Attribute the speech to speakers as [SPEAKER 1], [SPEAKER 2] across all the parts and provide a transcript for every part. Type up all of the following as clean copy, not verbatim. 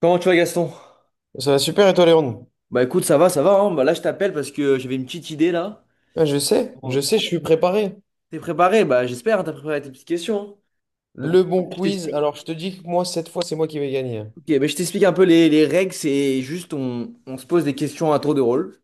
[SPEAKER 1] Comment tu vas Gaston?
[SPEAKER 2] Ça va super et toi, Léon?
[SPEAKER 1] Bah écoute, ça va, hein. Bah là je t'appelle parce que j'avais une petite idée là.
[SPEAKER 2] Ah, je sais, je
[SPEAKER 1] Oh.
[SPEAKER 2] sais, je suis préparé.
[SPEAKER 1] T'es préparé? Bah j'espère, hein, t'as préparé tes petites questions. Hein. Donc
[SPEAKER 2] Le bon
[SPEAKER 1] je
[SPEAKER 2] quiz.
[SPEAKER 1] t'explique.
[SPEAKER 2] Alors, je te dis que moi, cette fois, c'est moi qui vais gagner.
[SPEAKER 1] Ok, bah, je t'explique un peu les règles, c'est juste on se pose des questions à tour de rôle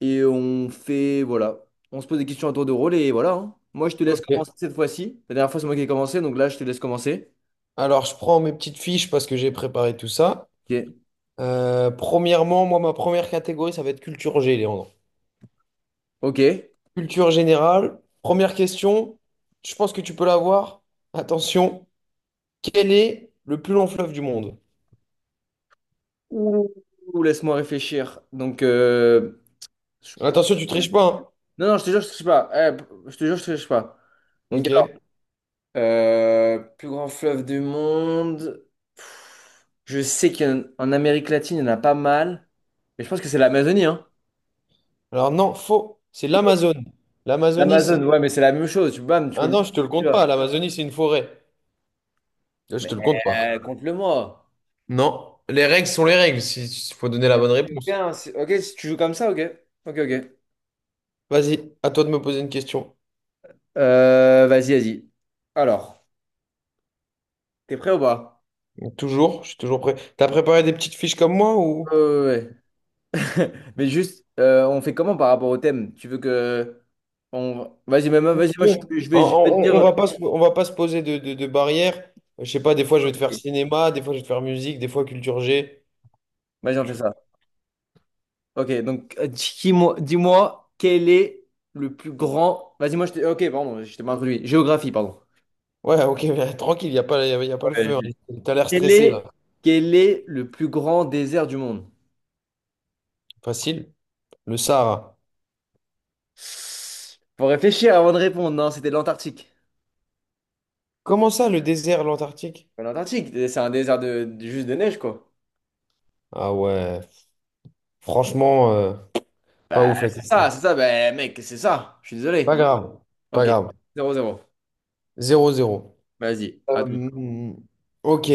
[SPEAKER 1] et on fait, voilà, on se pose des questions à tour de rôle et voilà. hein. Moi je te laisse
[SPEAKER 2] Ok.
[SPEAKER 1] commencer cette fois-ci. La dernière fois c'est moi qui ai commencé, donc là je te laisse commencer.
[SPEAKER 2] Alors, je prends mes petites fiches parce que j'ai préparé tout ça.
[SPEAKER 1] Ok.
[SPEAKER 2] Premièrement, moi, ma première catégorie, ça va être culture G, Léandre.
[SPEAKER 1] Ok.
[SPEAKER 2] Culture générale. Première question, je pense que tu peux l'avoir. Attention, quel est le plus long fleuve du monde?
[SPEAKER 1] Ouh, laisse-moi réfléchir. Donc je pense-
[SPEAKER 2] Attention, tu triches pas, hein.
[SPEAKER 1] Non, non, je te jure, je triche pas. Eh, je te jure, je triche pas.
[SPEAKER 2] Ok.
[SPEAKER 1] Plus grand fleuve du monde. Pff, je sais qu'en en Amérique latine, il y en a pas mal. Mais je pense que c'est l'Amazonie, hein.
[SPEAKER 2] Alors, non, faux. C'est l'Amazone. L'Amazonie, c'est.
[SPEAKER 1] L'Amazone, ouais, mais c'est la même chose. Tu, bam, tu peux
[SPEAKER 2] Ah
[SPEAKER 1] me le
[SPEAKER 2] non, je te le compte
[SPEAKER 1] dire.
[SPEAKER 2] pas. L'Amazonie, c'est une forêt. Là, je
[SPEAKER 1] Mais
[SPEAKER 2] te le compte pas.
[SPEAKER 1] compte-le-moi.
[SPEAKER 2] Non, les règles sont les règles, faut donner la bonne
[SPEAKER 1] Ok,
[SPEAKER 2] réponse.
[SPEAKER 1] hein, ok, si tu joues comme ça, ok. Ok, ok.
[SPEAKER 2] Vas-y, à toi de me poser une question.
[SPEAKER 1] Vas-y, vas-y. Alors, t'es prêt ou pas?
[SPEAKER 2] Toujours, je suis toujours prêt. T'as préparé des petites fiches comme moi ou...
[SPEAKER 1] Euh, ouais. Ouais. Mais juste, on fait comment par rapport au thème? Tu veux que... On... Vas-y, même,
[SPEAKER 2] Comme
[SPEAKER 1] vas-y,
[SPEAKER 2] tu
[SPEAKER 1] moi, je
[SPEAKER 2] veux.
[SPEAKER 1] je vais, je vais te
[SPEAKER 2] On
[SPEAKER 1] dire...
[SPEAKER 2] va pas, on va pas se poser de barrières. Je sais pas, des fois je vais te
[SPEAKER 1] Ok.
[SPEAKER 2] faire cinéma, des fois je vais te faire musique, des fois culture G.
[SPEAKER 1] Vas-y, on fait
[SPEAKER 2] Tu-
[SPEAKER 1] ça. Ok, donc dis-moi quel est le plus grand. Vas-y, moi je t'ai. Ok, pardon, je t'ai mal introduit. Géographie, pardon.
[SPEAKER 2] Ouais, ok, mais tranquille, il a pas, y a pas le
[SPEAKER 1] Ouais,
[SPEAKER 2] feu.
[SPEAKER 1] je-
[SPEAKER 2] Tu T'as l'air
[SPEAKER 1] Quel
[SPEAKER 2] stressé là.
[SPEAKER 1] est... quel est le plus grand désert du monde?
[SPEAKER 2] Facile. Le Sahara.
[SPEAKER 1] Faut réfléchir avant de répondre. Non, c'était l'Antarctique.
[SPEAKER 2] Comment ça, le désert, l'Antarctique?
[SPEAKER 1] Mais l'Antarctique, c'est un désert de... juste de neige, quoi.
[SPEAKER 2] Ah ouais, franchement, pas
[SPEAKER 1] Bah,
[SPEAKER 2] ouf la
[SPEAKER 1] c'est
[SPEAKER 2] question.
[SPEAKER 1] ça, c'est ça. Bah, mec, c'est ça. Je suis
[SPEAKER 2] Pas
[SPEAKER 1] désolé.
[SPEAKER 2] grave, pas
[SPEAKER 1] Ok,
[SPEAKER 2] grave.
[SPEAKER 1] zéro zéro.
[SPEAKER 2] Zéro zéro.
[SPEAKER 1] Vas-y, attends.
[SPEAKER 2] Euh, ok,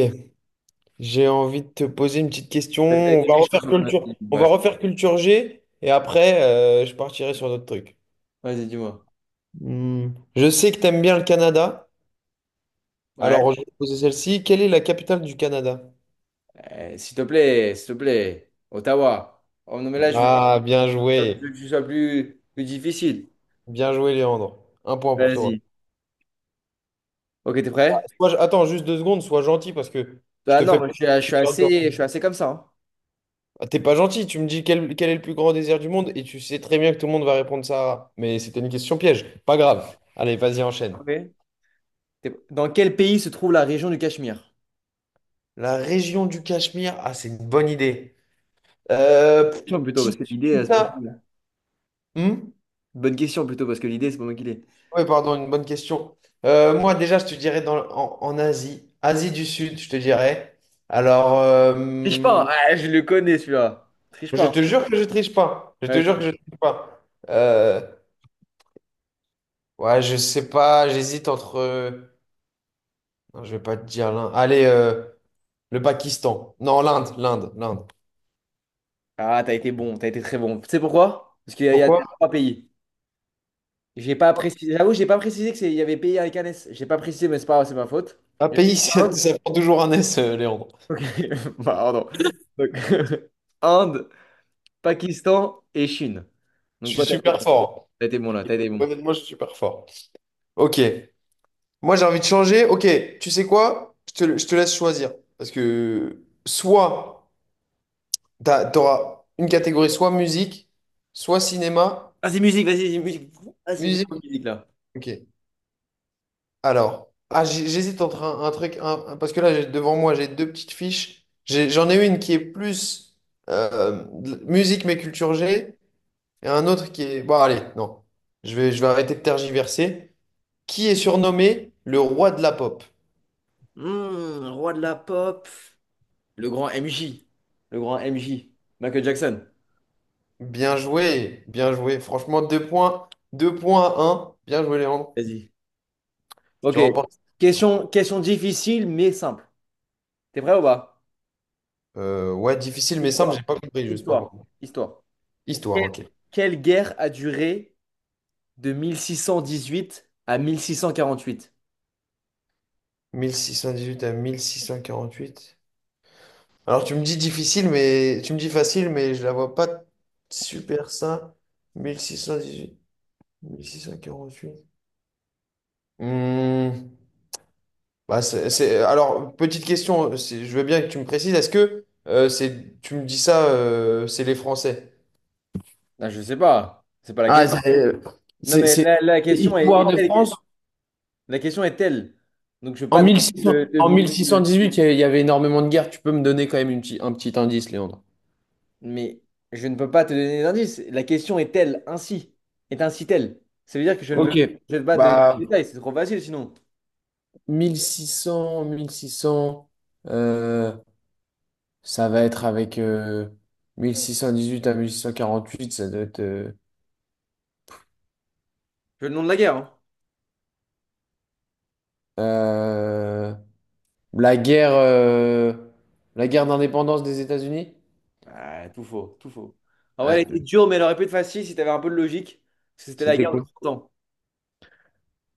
[SPEAKER 2] j'ai envie de te poser une petite question.
[SPEAKER 1] T'as
[SPEAKER 2] On
[SPEAKER 1] été
[SPEAKER 2] va
[SPEAKER 1] méchant
[SPEAKER 2] refaire
[SPEAKER 1] sur la
[SPEAKER 2] culture,
[SPEAKER 1] machine.
[SPEAKER 2] on va
[SPEAKER 1] Bref,
[SPEAKER 2] refaire culture G et après, je partirai sur d'autres trucs.
[SPEAKER 1] vas-y, dis-moi.
[SPEAKER 2] Hmm, Je sais que tu aimes bien le Canada.
[SPEAKER 1] Ouais.
[SPEAKER 2] Alors, je vais te poser celle-ci. Quelle est la capitale du Canada?
[SPEAKER 1] S'il te plaît, s'il te plaît. Ottawa. Oh non, mais là, je que
[SPEAKER 2] Ah, bien joué.
[SPEAKER 1] ce soit plus, plus difficile.
[SPEAKER 2] Bien joué, Léandre. Un point pour toi.
[SPEAKER 1] Vas-y. Ok, t'es prêt?
[SPEAKER 2] Attends, juste deux secondes, sois gentil parce que je
[SPEAKER 1] Bah
[SPEAKER 2] te
[SPEAKER 1] non,
[SPEAKER 2] fais
[SPEAKER 1] moi,
[SPEAKER 2] pas
[SPEAKER 1] je suis, je suis
[SPEAKER 2] super dur.
[SPEAKER 1] assez, je suis assez comme ça. Hein.
[SPEAKER 2] Ah, t'es pas gentil, tu me dis quel est le plus grand désert du monde et tu sais très bien que tout le monde va répondre ça. Mais c'était une question piège. Pas grave. Allez, vas-y, enchaîne.
[SPEAKER 1] Ok. Dans quel pays se trouve la région du Cachemire?
[SPEAKER 2] La région du Cachemire, ah, c'est une bonne idée. Euh,
[SPEAKER 1] Question plutôt, parce
[SPEAKER 2] petit-
[SPEAKER 1] que l'idée, c'est moi qui
[SPEAKER 2] putain.
[SPEAKER 1] l'ai.
[SPEAKER 2] Hmm.
[SPEAKER 1] Bonne question plutôt, parce que l'idée, c'est pas moi qui l'ai.
[SPEAKER 2] Ouais, pardon, une bonne question. Moi, déjà, je te dirais en Asie, Asie du Sud, je te dirais. Alors,
[SPEAKER 1] Triche pas! Hein. Ah, je le connais celui-là. Triche pas.
[SPEAKER 2] je te
[SPEAKER 1] Hein.
[SPEAKER 2] jure que je triche pas. Je te jure que
[SPEAKER 1] Vas-y.
[SPEAKER 2] je triche pas. Euh, ouais, je sais pas, j'hésite entre. Non, je vais pas te dire l'un. Allez. Le Pakistan. Non, l'Inde.
[SPEAKER 1] Ah, t'as été bon, t'as été très bon. Tu sais pourquoi? Parce qu'il y a
[SPEAKER 2] Pourquoi?
[SPEAKER 1] trois pays. J'ai pas précisé. J'avoue, j'ai pas précisé que il y avait pays avec un S. J'ai pas précisé, mais c'est pas grave, c'est ma faute.
[SPEAKER 2] Un
[SPEAKER 1] Il y avait
[SPEAKER 2] pays, ça,
[SPEAKER 1] Inde.
[SPEAKER 2] ça prend toujours un S, Léandre.
[SPEAKER 1] Ok, pardon. Donc, Inde, Pakistan et Chine.
[SPEAKER 2] Je
[SPEAKER 1] Donc,
[SPEAKER 2] suis
[SPEAKER 1] quoi, t'as
[SPEAKER 2] super fort.
[SPEAKER 1] t'as été bon là, t'as été bon.
[SPEAKER 2] Honnêtement, je suis super fort. Ok. Moi, j'ai envie de changer. Ok, tu sais quoi? Je te laisse choisir. Parce que soit t'auras une catégorie, soit musique, soit cinéma.
[SPEAKER 1] Vas-y, musique. Vas-y, mets-moi
[SPEAKER 2] Musique.
[SPEAKER 1] musique là.
[SPEAKER 2] Ok. Alors. J'hésite entre un truc. Parce que là, devant moi, j'ai deux petites fiches. J'en ai une qui est plus musique, mais culture G. Et un autre qui est... Bon, allez, non. Je vais arrêter de tergiverser. Qui est surnommé le roi de la pop?
[SPEAKER 1] Hmm, roi de la pop. Le grand MJ. Le grand MJ. Michael Jackson.
[SPEAKER 2] Bien joué, bien joué. Franchement, deux points à un. Bien joué, Léandre.
[SPEAKER 1] Vas-y.
[SPEAKER 2] Tu
[SPEAKER 1] Ok.
[SPEAKER 2] remportes cette question.
[SPEAKER 1] Question, question difficile mais simple. T'es prêt ou pas?
[SPEAKER 2] Ouais, difficile mais simple,
[SPEAKER 1] Histoire.
[SPEAKER 2] j'ai pas compris juste par
[SPEAKER 1] Histoire.
[SPEAKER 2] contre.
[SPEAKER 1] Histoire. Quelle,
[SPEAKER 2] Histoire, ok.
[SPEAKER 1] quelle guerre a duré de 1618 à 1648?
[SPEAKER 2] 1618 à 1648. Alors tu me dis difficile, mais tu me dis facile, mais je la vois pas super ça. 1618, 1648. Hmm. Bah, alors, petite question, je veux bien que tu me précises, est-ce que c'est, tu me dis ça, c'est les Français?
[SPEAKER 1] Ah, je sais pas. C'est pas la
[SPEAKER 2] Ah,
[SPEAKER 1] question. Non,
[SPEAKER 2] c'est- c'est-
[SPEAKER 1] mais
[SPEAKER 2] c'est
[SPEAKER 1] la question
[SPEAKER 2] Histoire de France.
[SPEAKER 1] La question est telle. Donc, je veux
[SPEAKER 2] En
[SPEAKER 1] pas non plus
[SPEAKER 2] 1600 en 1618, il y avait énormément de guerres. Tu peux me donner quand même un petit indice, Léandre.
[SPEAKER 1] Mais je ne peux pas te donner d'indice. La question est telle, ainsi. Est ainsi telle. Ça veut dire que je ne veux,
[SPEAKER 2] Ok.
[SPEAKER 1] je ne veux pas donner de
[SPEAKER 2] Bah,
[SPEAKER 1] détails. C'est trop facile sinon.
[SPEAKER 2] 1600, euh, ça va être avec 1618 à 1648, ça doit être...
[SPEAKER 1] Je veux le nom de la guerre. Hein.
[SPEAKER 2] euh, La guerre, euh, la guerre d'indépendance des États-Unis?
[SPEAKER 1] Ah, tout faux, tout faux. En vrai,
[SPEAKER 2] Ouais,
[SPEAKER 1] elle était dure, mais elle aurait pu être facile si t'avais un peu de logique. Parce que c'était la
[SPEAKER 2] c'était
[SPEAKER 1] guerre de
[SPEAKER 2] quoi?
[SPEAKER 1] Trente ans.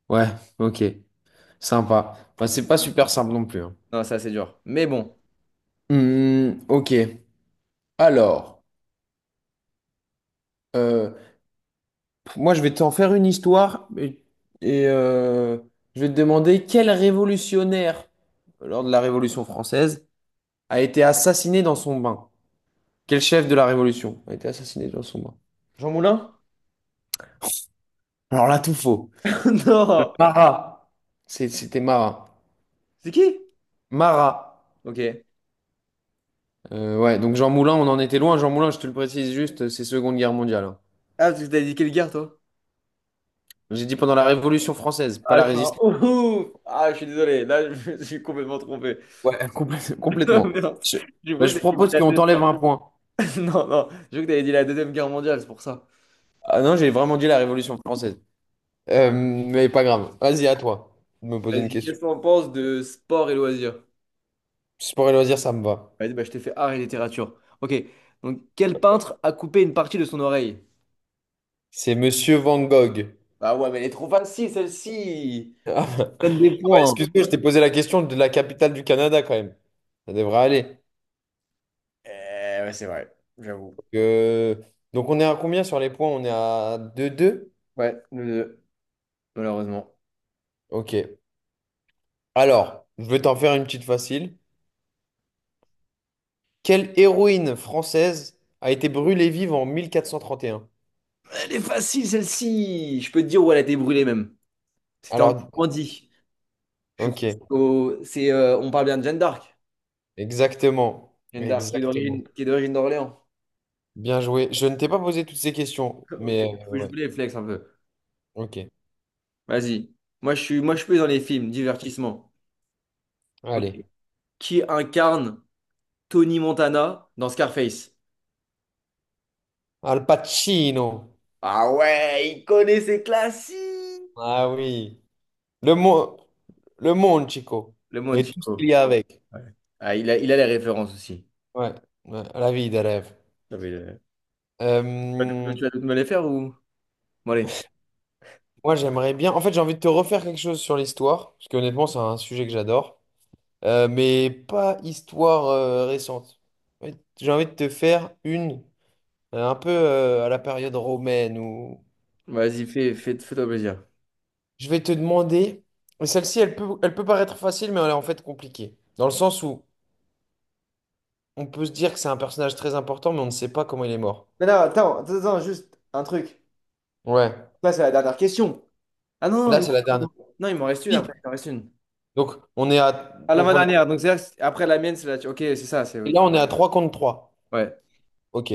[SPEAKER 2] Ouais, ok, sympa. Enfin, c'est pas super simple non plus, hein.
[SPEAKER 1] Non, ça, c'est dur. Mais bon.
[SPEAKER 2] Hmm, ok. Alors, euh, moi je vais t'en faire une histoire et je vais te demander quel révolutionnaire lors de la Révolution française a été assassiné dans son bain? Quel chef de la Révolution a été assassiné dans son bain?
[SPEAKER 1] Jean Moulin?
[SPEAKER 2] Alors là, tout faux.
[SPEAKER 1] Non!
[SPEAKER 2] Marat. C'était Marat.
[SPEAKER 1] C'est qui?
[SPEAKER 2] Marat.
[SPEAKER 1] Ok.
[SPEAKER 2] Ouais, donc Jean Moulin, on en était loin. Jean Moulin, je te le précise juste, c'est Seconde Guerre mondiale, hein.
[SPEAKER 1] Ah, parce que t'as dit quelle guerre, toi?
[SPEAKER 2] J'ai dit pendant la Révolution française, pas
[SPEAKER 1] Ah,
[SPEAKER 2] la
[SPEAKER 1] je suis un
[SPEAKER 2] Résistance.
[SPEAKER 1] ouf! Ah, je suis désolé. Là, je me suis complètement trompé.
[SPEAKER 2] Ouais,
[SPEAKER 1] Non,
[SPEAKER 2] complètement.
[SPEAKER 1] merde.
[SPEAKER 2] Je,
[SPEAKER 1] Je
[SPEAKER 2] bah,
[SPEAKER 1] crois que
[SPEAKER 2] je
[SPEAKER 1] t'avais dit
[SPEAKER 2] propose
[SPEAKER 1] la
[SPEAKER 2] qu'on
[SPEAKER 1] deux-
[SPEAKER 2] t'enlève un point.
[SPEAKER 1] Non, non, je crois que t'avais dit la Deuxième Guerre mondiale, c'est pour ça.
[SPEAKER 2] Ah non, j'ai vraiment dit la Révolution française. Mais pas grave. Vas-y, à toi de me poser une
[SPEAKER 1] Vas-y,
[SPEAKER 2] question.
[SPEAKER 1] qu'est-ce qu'on pense de sport et loisirs?
[SPEAKER 2] Sport et loisirs, ça me va.
[SPEAKER 1] Vas-y, bah, je t'ai fait art et littérature. Ok, donc quel peintre a coupé une partie de son oreille?
[SPEAKER 2] C'est Monsieur Van Gogh.
[SPEAKER 1] Ah ouais, mais elle est trop facile celle-ci!
[SPEAKER 2] Ah
[SPEAKER 1] Donne des
[SPEAKER 2] bah,
[SPEAKER 1] points. Hein.
[SPEAKER 2] excuse-moi, je t'ai posé la question de la capitale du Canada quand même. Ça devrait aller.
[SPEAKER 1] Eh ouais, c'est vrai, j'avoue.
[SPEAKER 2] Donc, euh, donc on est à combien sur les points? On est à deux deux.
[SPEAKER 1] Ouais, nous deux, malheureusement.
[SPEAKER 2] Ok. Alors, je vais t'en faire une petite facile. Quelle héroïne française a été brûlée vive en 1431?
[SPEAKER 1] Elle est facile celle-ci! Je peux te dire où elle a été brûlée même. C'était en
[SPEAKER 2] Alors,
[SPEAKER 1] Normandie. Je crois que
[SPEAKER 2] ok,
[SPEAKER 1] c'est, on parle bien de Jeanne d'Arc.
[SPEAKER 2] exactement,
[SPEAKER 1] Jeanne d'Arc qui est
[SPEAKER 2] exactement.
[SPEAKER 1] d'origine qui est d'origine d'Orléans.
[SPEAKER 2] Bien joué. Je ne t'ai pas posé toutes ces questions,
[SPEAKER 1] Ok,
[SPEAKER 2] mais euh,
[SPEAKER 1] je
[SPEAKER 2] ouais,
[SPEAKER 1] voulais flex un peu.
[SPEAKER 2] ok.
[SPEAKER 1] Vas-y. Moi, je suis dans les films, divertissement. Ok.
[SPEAKER 2] Allez.
[SPEAKER 1] Qui incarne Tony Montana dans Scarface?
[SPEAKER 2] Al Pacino.
[SPEAKER 1] Ah ouais, il connaît ses classiques.
[SPEAKER 2] Ah oui. Le monde, le monde, Chico.
[SPEAKER 1] Le monde
[SPEAKER 2] Et tout ce qu'il
[SPEAKER 1] Chico.
[SPEAKER 2] y a avec.
[SPEAKER 1] Ouais. Ah, il a les références aussi.
[SPEAKER 2] Ouais, ouais, la vie des rêves.
[SPEAKER 1] J'avais le-
[SPEAKER 2] Euh,
[SPEAKER 1] Tu vas toutes me les faire ou? Bon, allez,
[SPEAKER 2] Moi, j'aimerais bien. En fait, j'ai envie de te refaire quelque chose sur l'histoire, parce que honnêtement, c'est un sujet que j'adore. Mais pas histoire récente. Ouais, j'ai envie de te faire une un peu à la période romaine ou
[SPEAKER 1] vas-y, fais-toi plaisir.
[SPEAKER 2] je vais te demander, et celle-ci elle peut paraître facile mais elle est en fait compliquée dans le sens où on peut se dire que c'est un personnage très important mais on ne sait pas comment il est mort.
[SPEAKER 1] Non, non, attends, juste un truc.
[SPEAKER 2] Ouais.
[SPEAKER 1] Là, c'est la dernière question. Ah non, non,
[SPEAKER 2] Là c'est la dernière.
[SPEAKER 1] non, il m'en reste une
[SPEAKER 2] Qui
[SPEAKER 1] après. Il m'en reste une.
[SPEAKER 2] Donc on est à
[SPEAKER 1] Ah,
[SPEAKER 2] donc on est-
[SPEAKER 1] l'avant-dernière. Donc, après la mienne, c'est la. Ok, c'est ça. C'est...
[SPEAKER 2] et là on est à 3 contre 3.
[SPEAKER 1] Ouais.
[SPEAKER 2] OK.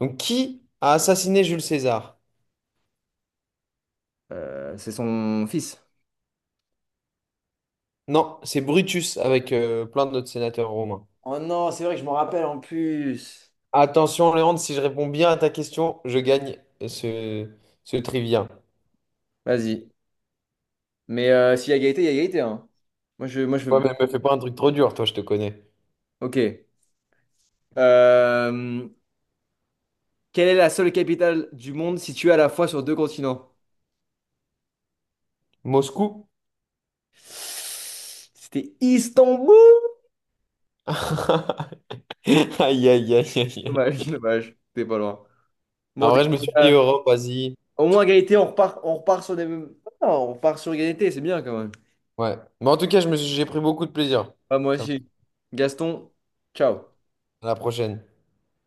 [SPEAKER 2] Donc qui a assassiné Jules César?
[SPEAKER 1] C'est son fils.
[SPEAKER 2] Non, c'est Brutus avec plein d'autres sénateurs romains.
[SPEAKER 1] Oh non, c'est vrai que je m'en rappelle en plus.
[SPEAKER 2] Attention, Léandre, si je réponds bien à ta question, ce, ce trivia.
[SPEAKER 1] Vas-y. Mais s'il y a égalité, il y a égalité, hein. Moi, je
[SPEAKER 2] Ouais,
[SPEAKER 1] veux.
[SPEAKER 2] mais me fais pas un truc trop dur, toi, je te connais.
[SPEAKER 1] Ok. Euh, quelle est la seule capitale du monde située à la fois sur deux continents?
[SPEAKER 2] Moscou?
[SPEAKER 1] C'était Istanbul.
[SPEAKER 2] Aïe, aïe, aïe,
[SPEAKER 1] Dommage,
[SPEAKER 2] aïe.
[SPEAKER 1] dommage. T'es pas loin. Bon,
[SPEAKER 2] En
[SPEAKER 1] en tout
[SPEAKER 2] vrai, je me suis dit
[SPEAKER 1] cas,
[SPEAKER 2] Europe, Asie.
[SPEAKER 1] au moins égalité, on repart sur des mêmes. Non, on repart sur égalité, c'est bien quand même.
[SPEAKER 2] Ouais. Mais en tout cas, j'ai pris beaucoup de plaisir.
[SPEAKER 1] Ah, moi
[SPEAKER 2] Ça- me-
[SPEAKER 1] aussi. Gaston, ciao.
[SPEAKER 2] À la prochaine.